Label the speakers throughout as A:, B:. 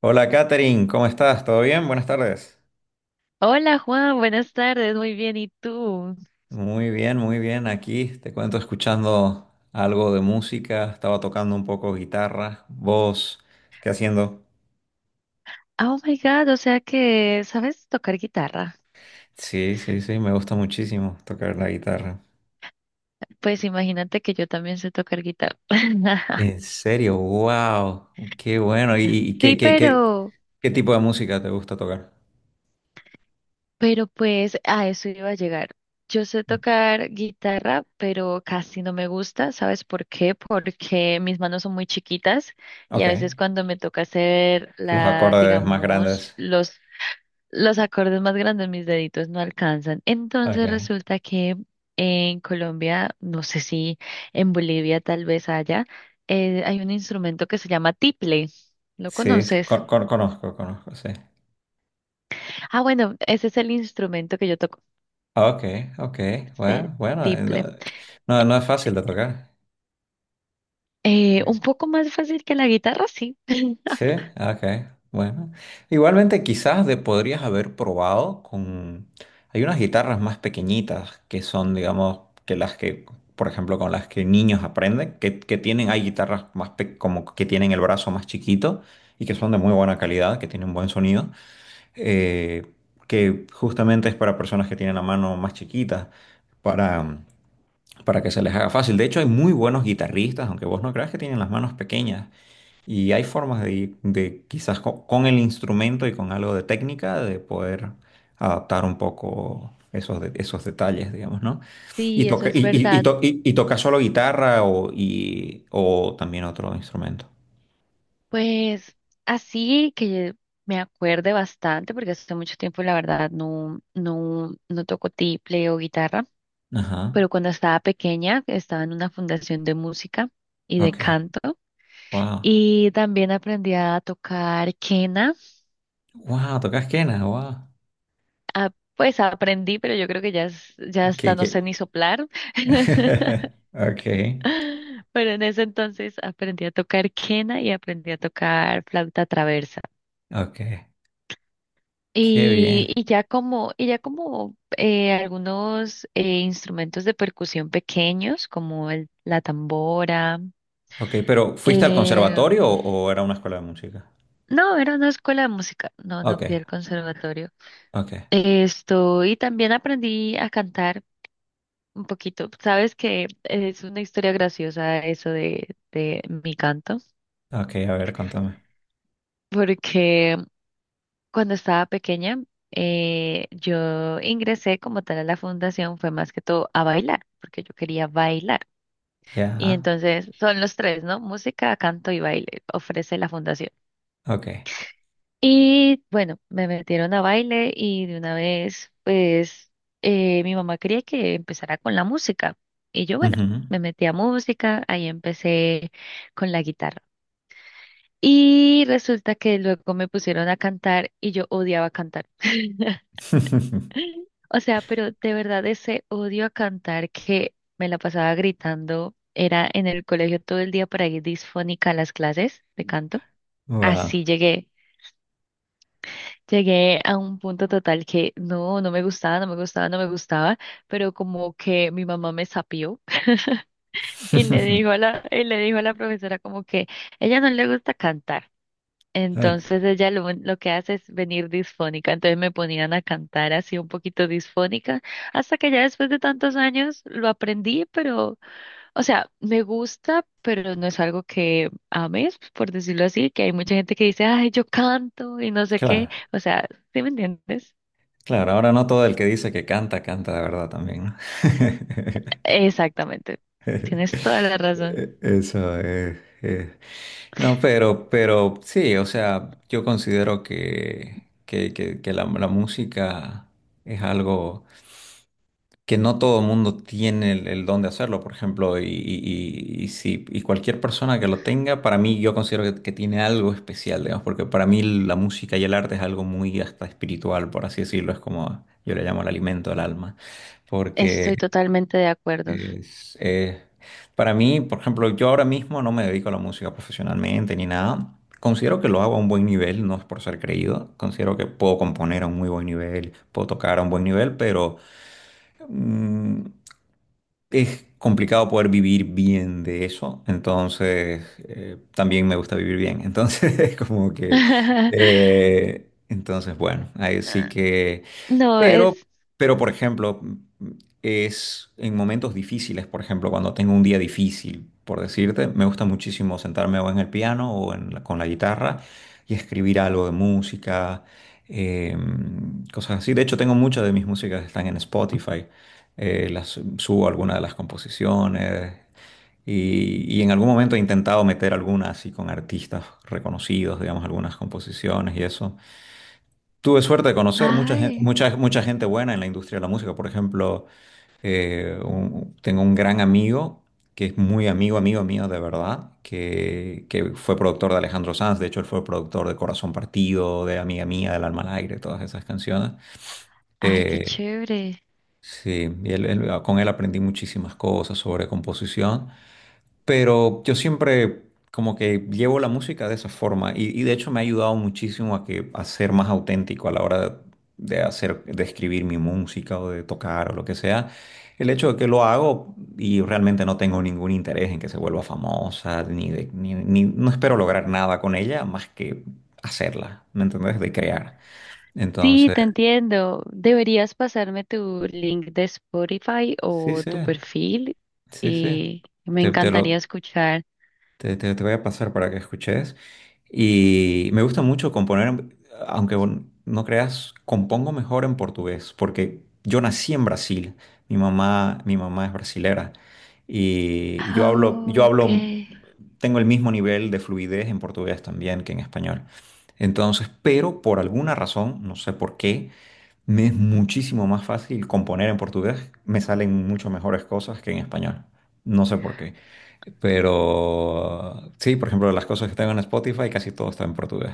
A: Hola Katherine, ¿cómo estás? ¿Todo bien? Buenas tardes.
B: Hola Juan, buenas tardes, muy bien, ¿y tú?
A: Muy bien, muy bien. Aquí te cuento escuchando algo de música. Estaba tocando un poco guitarra, voz. ¿Qué haciendo?
B: Oh my God, o sea que sabes tocar guitarra.
A: Sí, sí, sí, me gusta muchísimo tocar la guitarra.
B: Pues imagínate que yo también sé tocar guitarra.
A: En serio, wow, qué bueno. ¿Y, y qué,
B: Sí,
A: qué, qué,
B: pero,
A: qué tipo de música te gusta tocar?
B: pero pues a eso iba a llegar. Yo sé tocar guitarra, pero casi no me gusta, ¿sabes por qué? Porque mis manos son muy chiquitas y a
A: Ok,
B: veces cuando me toca hacer
A: los
B: la,
A: acordes más
B: digamos,
A: grandes.
B: los acordes más grandes mis deditos no alcanzan.
A: Ok,
B: Entonces resulta que en Colombia, no sé si en Bolivia tal vez haya, hay un instrumento que se llama tiple. ¿Lo
A: sí,
B: conoces?
A: conozco, sí.
B: Ah, bueno, ese es el instrumento que yo toco,
A: Ok, ok,
B: este
A: bueno, bueno, no,
B: tiple.
A: no es fácil de tocar.
B: Un poco más fácil que la guitarra, sí.
A: Sí, ok, bueno. Igualmente quizás de podrías haber probado con... Hay unas guitarras más pequeñitas que son, digamos, que las que, por ejemplo, con las que niños aprenden, que tienen, hay guitarras más pe- como que tienen el brazo más chiquito y que son de muy buena calidad, que tienen buen sonido, eh, que justamente es para personas que tienen la mano más chiquita, para para que se les haga fácil. De hecho, hay muy buenos guitarristas, aunque vos no creas que tienen las manos pequeñas. Y hay formas de quizás co- con, el instrumento y con algo de técnica, de poder adaptar un poco esos, de- esos detalles, digamos, ¿no? Y
B: Sí, eso
A: toca,
B: es
A: y
B: verdad.
A: to- y- y toca solo guitarra o, y, o también otro instrumento.
B: Pues así que me acuerde bastante, porque hace mucho tiempo la verdad no toco tiple o guitarra.
A: Ajá.
B: Pero cuando estaba pequeña estaba en una fundación de música y de
A: Ok.
B: canto
A: Wow.
B: y también aprendí a tocar quena.
A: Wow, tocas quena, wow.
B: Ah, pues aprendí, pero yo creo que ya, ya hasta no sé ni
A: Que...
B: soplar.
A: Ok.
B: Pero en ese entonces aprendí a tocar quena y aprendí a tocar flauta traversa.
A: Ok. Qué
B: Y,
A: bien.
B: y ya como, y ya como eh, algunos instrumentos de percusión pequeños, como la tambora.
A: Ok, pero ¿fuiste al conservatorio
B: em,
A: o era una escuela de música?
B: No, era una escuela de música, no, no fui
A: Ok,
B: al conservatorio.
A: ok,
B: Esto, y también aprendí a cantar un poquito. Sabes que es una historia graciosa eso de mi canto,
A: ok, a ver, contame.
B: porque cuando estaba pequeña, yo ingresé como tal a la fundación, fue más que todo a bailar, porque yo quería bailar. Y
A: Ya,
B: entonces son los tres, ¿no? Música, canto y baile, ofrece la fundación.
A: ok.
B: Y bueno, me metieron a baile y de una vez, pues, mi mamá quería que empezara con la música. Y yo, bueno,
A: Ujú.
B: me metí a música, ahí empecé con la guitarra. Y resulta que luego me pusieron a cantar y yo odiaba cantar. O sea, pero de verdad ese odio a cantar que me la pasaba gritando, era en el colegio todo el día para ir disfónica a las clases de canto.
A: Wow.
B: Así llegué. Llegué a un punto total que no, no me gustaba, no me gustaba, no me gustaba, pero como que mi mamá me sapió y le dijo a la profesora como que ella no le gusta cantar.
A: Ok.
B: Entonces ella lo que hace es venir disfónica. Entonces me ponían a cantar así un poquito disfónica, hasta que ya después de tantos años lo aprendí, pero, o sea, me gusta, pero no es algo que ames, por decirlo así, que hay mucha gente que dice, ay, yo canto y no sé qué.
A: Claro,
B: O sea, ¿sí me entiendes?
A: claro, ahora no todo el que dice que canta, canta de verdad también, ¿no?
B: Exactamente. Tienes toda la razón.
A: Eso es- No, pero sí, o sea, yo considero que la música es algo que no todo el mundo tiene el don de hacerlo, por ejemplo, y si, y cualquier persona que lo tenga, para mí yo considero que tiene algo especial, digamos, porque para mí la música y el arte es algo muy hasta espiritual, por así decirlo, es como yo le llamo el alimento del alma, porque
B: Estoy totalmente de acuerdo.
A: es, para mí, por ejemplo, yo ahora mismo no me dedico a la música profesionalmente ni nada. Considero que lo hago a un buen nivel, no es por ser creído. Considero que puedo componer a un muy buen nivel, puedo tocar a un buen nivel, pero mm, es complicado poder vivir bien de eso, entonces también me gusta vivir bien, entonces es como que, entonces bueno, ahí sí que,
B: No,
A: pero,
B: es...
A: pero por ejemplo, es en momentos difíciles, por ejemplo, cuando tengo un día difícil, por decirte, me gusta muchísimo sentarme o en el piano o en la- con la guitarra y escribir algo de música, cosas así, de hecho tengo muchas de mis músicas que están en Spotify. Las, subo algunas de las composiciones y en algún momento he intentado meter algunas así con artistas reconocidos, digamos, algunas composiciones y eso. Tuve suerte de conocer mucha gente,
B: Ay,
A: mucha, mucha gente buena en la industria de la música, por ejemplo, un- tengo un gran amigo que es muy amigo, amigo mío de verdad, que fue productor de Alejandro Sanz, de hecho él fue productor de Corazón Partido, de Amiga Mía, del Alma al Aire, todas esas canciones.
B: ay, qué
A: Eh,
B: chévere.
A: Sí, y con él aprendí muchísimas cosas sobre composición, pero yo siempre como que llevo la música de esa forma y de hecho me ha ayudado muchísimo a que a ser más auténtico a la hora de hacer, de escribir mi música o de tocar o lo que sea. El hecho de que lo hago y realmente no tengo ningún interés en que se vuelva famosa, ni de, no espero lograr nada con ella más que hacerla, ¿me entendés? De crear.
B: Sí,
A: Entonces,
B: te entiendo. Deberías pasarme tu link de Spotify
A: sí,
B: o
A: sí,
B: tu perfil
A: sí, sí.
B: y me
A: te te
B: encantaría
A: lo,
B: escuchar.
A: Te- Te voy a pasar para que escuches. Y me gusta mucho componer, en- aunque vos no creas, compongo mejor en portugués, porque yo nací en Brasil. Mi mamá es brasilera. Y
B: Ah, ok.
A: tengo el mismo nivel de fluidez en portugués también que en español. Entonces, pero por alguna razón, no sé por qué, me es muchísimo más fácil componer en portugués, me salen mucho mejores cosas que en español. No sé por qué. Pero sí, por ejemplo, las cosas que tengo en Spotify casi todo está en portugués.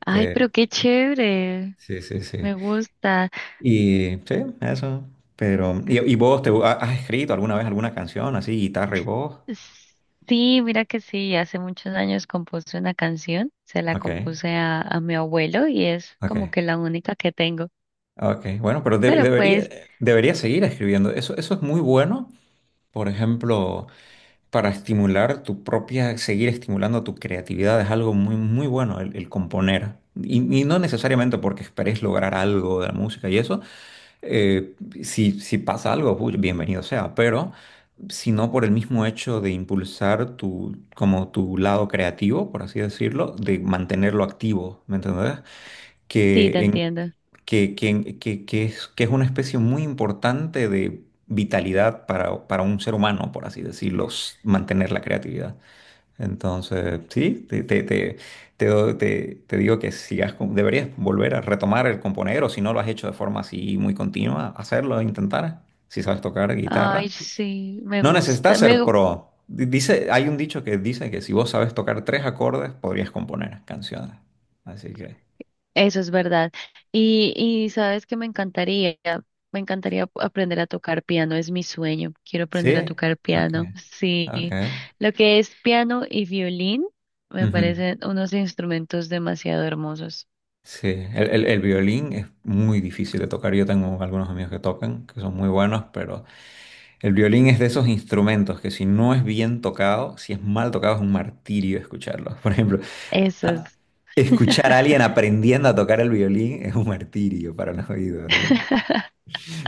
B: Ay,
A: Eh,
B: pero qué chévere.
A: sí, sí, sí.
B: Me gusta.
A: Y sí, eso. Pero, y vos te ha- has escrito alguna vez alguna canción así, guitarra y voz?
B: Sí, mira que sí, hace muchos años compuse una canción, se la
A: Ok,
B: compuse a mi abuelo y es como
A: ok,
B: que la única que tengo.
A: ok. Bueno, pero de-
B: Pero
A: debería,
B: pues,
A: debería seguir escribiendo. Eso es muy bueno. Por ejemplo, para estimular tu propia, seguir estimulando tu creatividad es algo muy, muy bueno el componer. Y no necesariamente porque esperes lograr algo de la música y eso, eh, si, si pasa algo, uy, bienvenido sea, pero sino por el mismo hecho de impulsar tu, como tu lado creativo, por así decirlo, de mantenerlo activo, ¿me entendés?
B: sí, te
A: Que, en,
B: entiendo.
A: que, en- que, que es una especie muy importante de vitalidad para un ser humano, por así decirlo, s- mantener la creatividad. Entonces, sí, doy- te- te digo que sigas, con- deberías volver a retomar el componer, o si no lo has hecho de forma así muy continua, hacerlo, intentar, si sabes tocar
B: Ay,
A: guitarra.
B: sí, me
A: No
B: gusta,
A: necesitas
B: me,
A: ser
B: gu-
A: pro. Di- Dice, hay un dicho que dice que si vos sabes tocar tres acordes, podrías componer canciones. Así que,
B: eso es verdad. Y sabes que me encantaría, aprender a tocar piano, es mi sueño, quiero aprender a
A: sí,
B: tocar
A: ok,
B: piano. Sí,
A: ok.
B: lo que es piano y violín me
A: Ujú.
B: parecen unos instrumentos demasiado hermosos.
A: Sí, el violín es muy difícil de tocar. Yo tengo algunos amigos que tocan, que son muy buenos, pero... El violín es de esos instrumentos que si no es bien tocado, si es mal tocado es un martirio escucharlo. Por ejemplo,
B: Eso es.
A: a- escuchar a alguien aprendiendo a tocar el violín es un martirio para los oídos, ¿sí?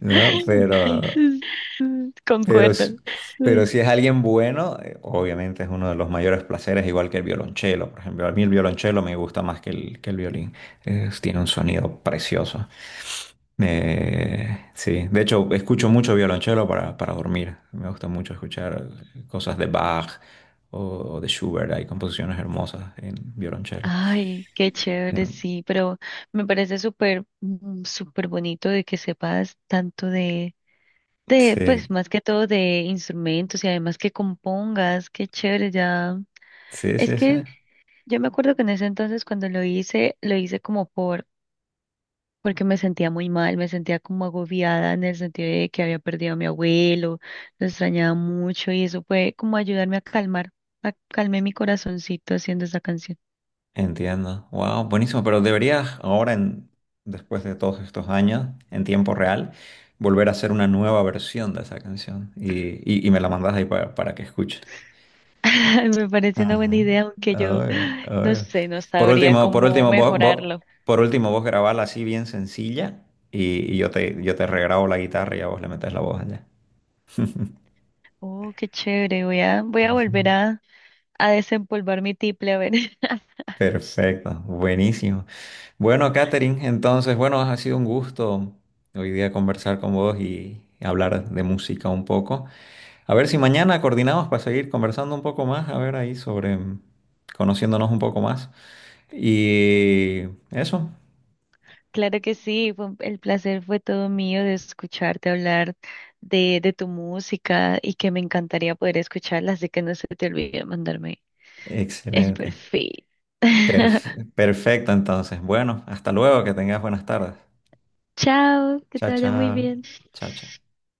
A: ¿no? Pero, s-
B: Concuerdo.
A: pero si es alguien bueno, obviamente es uno de los mayores placeres, igual que el violonchelo, por ejemplo. A mí el violonchelo me gusta más que que el violín. Es- tiene un sonido precioso. Sí, de hecho escucho mucho violonchelo para dormir. Me gusta mucho escuchar cosas de Bach o de Schubert. Hay composiciones hermosas en violonchelo.
B: Ay, qué chévere,
A: Mm,
B: sí, pero me parece súper, súper bonito de que sepas tanto de, pues
A: Sí,
B: más que todo de instrumentos y además que compongas, qué chévere, ya.
A: sí,
B: Es
A: sí, sí.
B: que yo me acuerdo que en ese entonces cuando lo hice como porque me sentía muy mal, me sentía como agobiada en el sentido de que había perdido a mi abuelo, lo extrañaba mucho y eso fue como ayudarme a calmar, a calmé mi corazoncito haciendo esa canción.
A: Entiendo. Wow, buenísimo. Pero deberías ahora, después de todos estos años, en tiempo real, volver a hacer una nueva versión de esa canción y me la mandas ahí pa- para que escuche.
B: Ay, me parece una buena
A: Ajá.
B: idea, aunque yo
A: Obvio,
B: no
A: obvio.
B: sé, no
A: Por
B: sabría
A: último, por
B: cómo
A: último, vos, vos-
B: mejorarlo.
A: por último, vos grabala así bien sencilla y yo te regrabo la guitarra y a vos le metes la voz allá.
B: Oh, qué chévere, voy a
A: Ujú.
B: volver a desempolvar mi tiple, a ver.
A: Perfecto, buenísimo. Bueno, Katherine, entonces, bueno, ha sido un gusto hoy día conversar con vos y hablar de música un poco. A ver si mañana coordinamos para seguir conversando un poco más, a ver ahí sobre, conociéndonos un poco más. Y eso,
B: Claro que sí, el placer fue todo mío de escucharte hablar de tu música y que me encantaría poder escucharla, así que no se te olvide mandarme el
A: excelente.
B: perfil.
A: Perf- perfecto, entonces. Bueno, hasta luego, que tengas buenas tardes.
B: Chao, que
A: Chao,
B: te vaya muy
A: chao.
B: bien.
A: Chao, chao.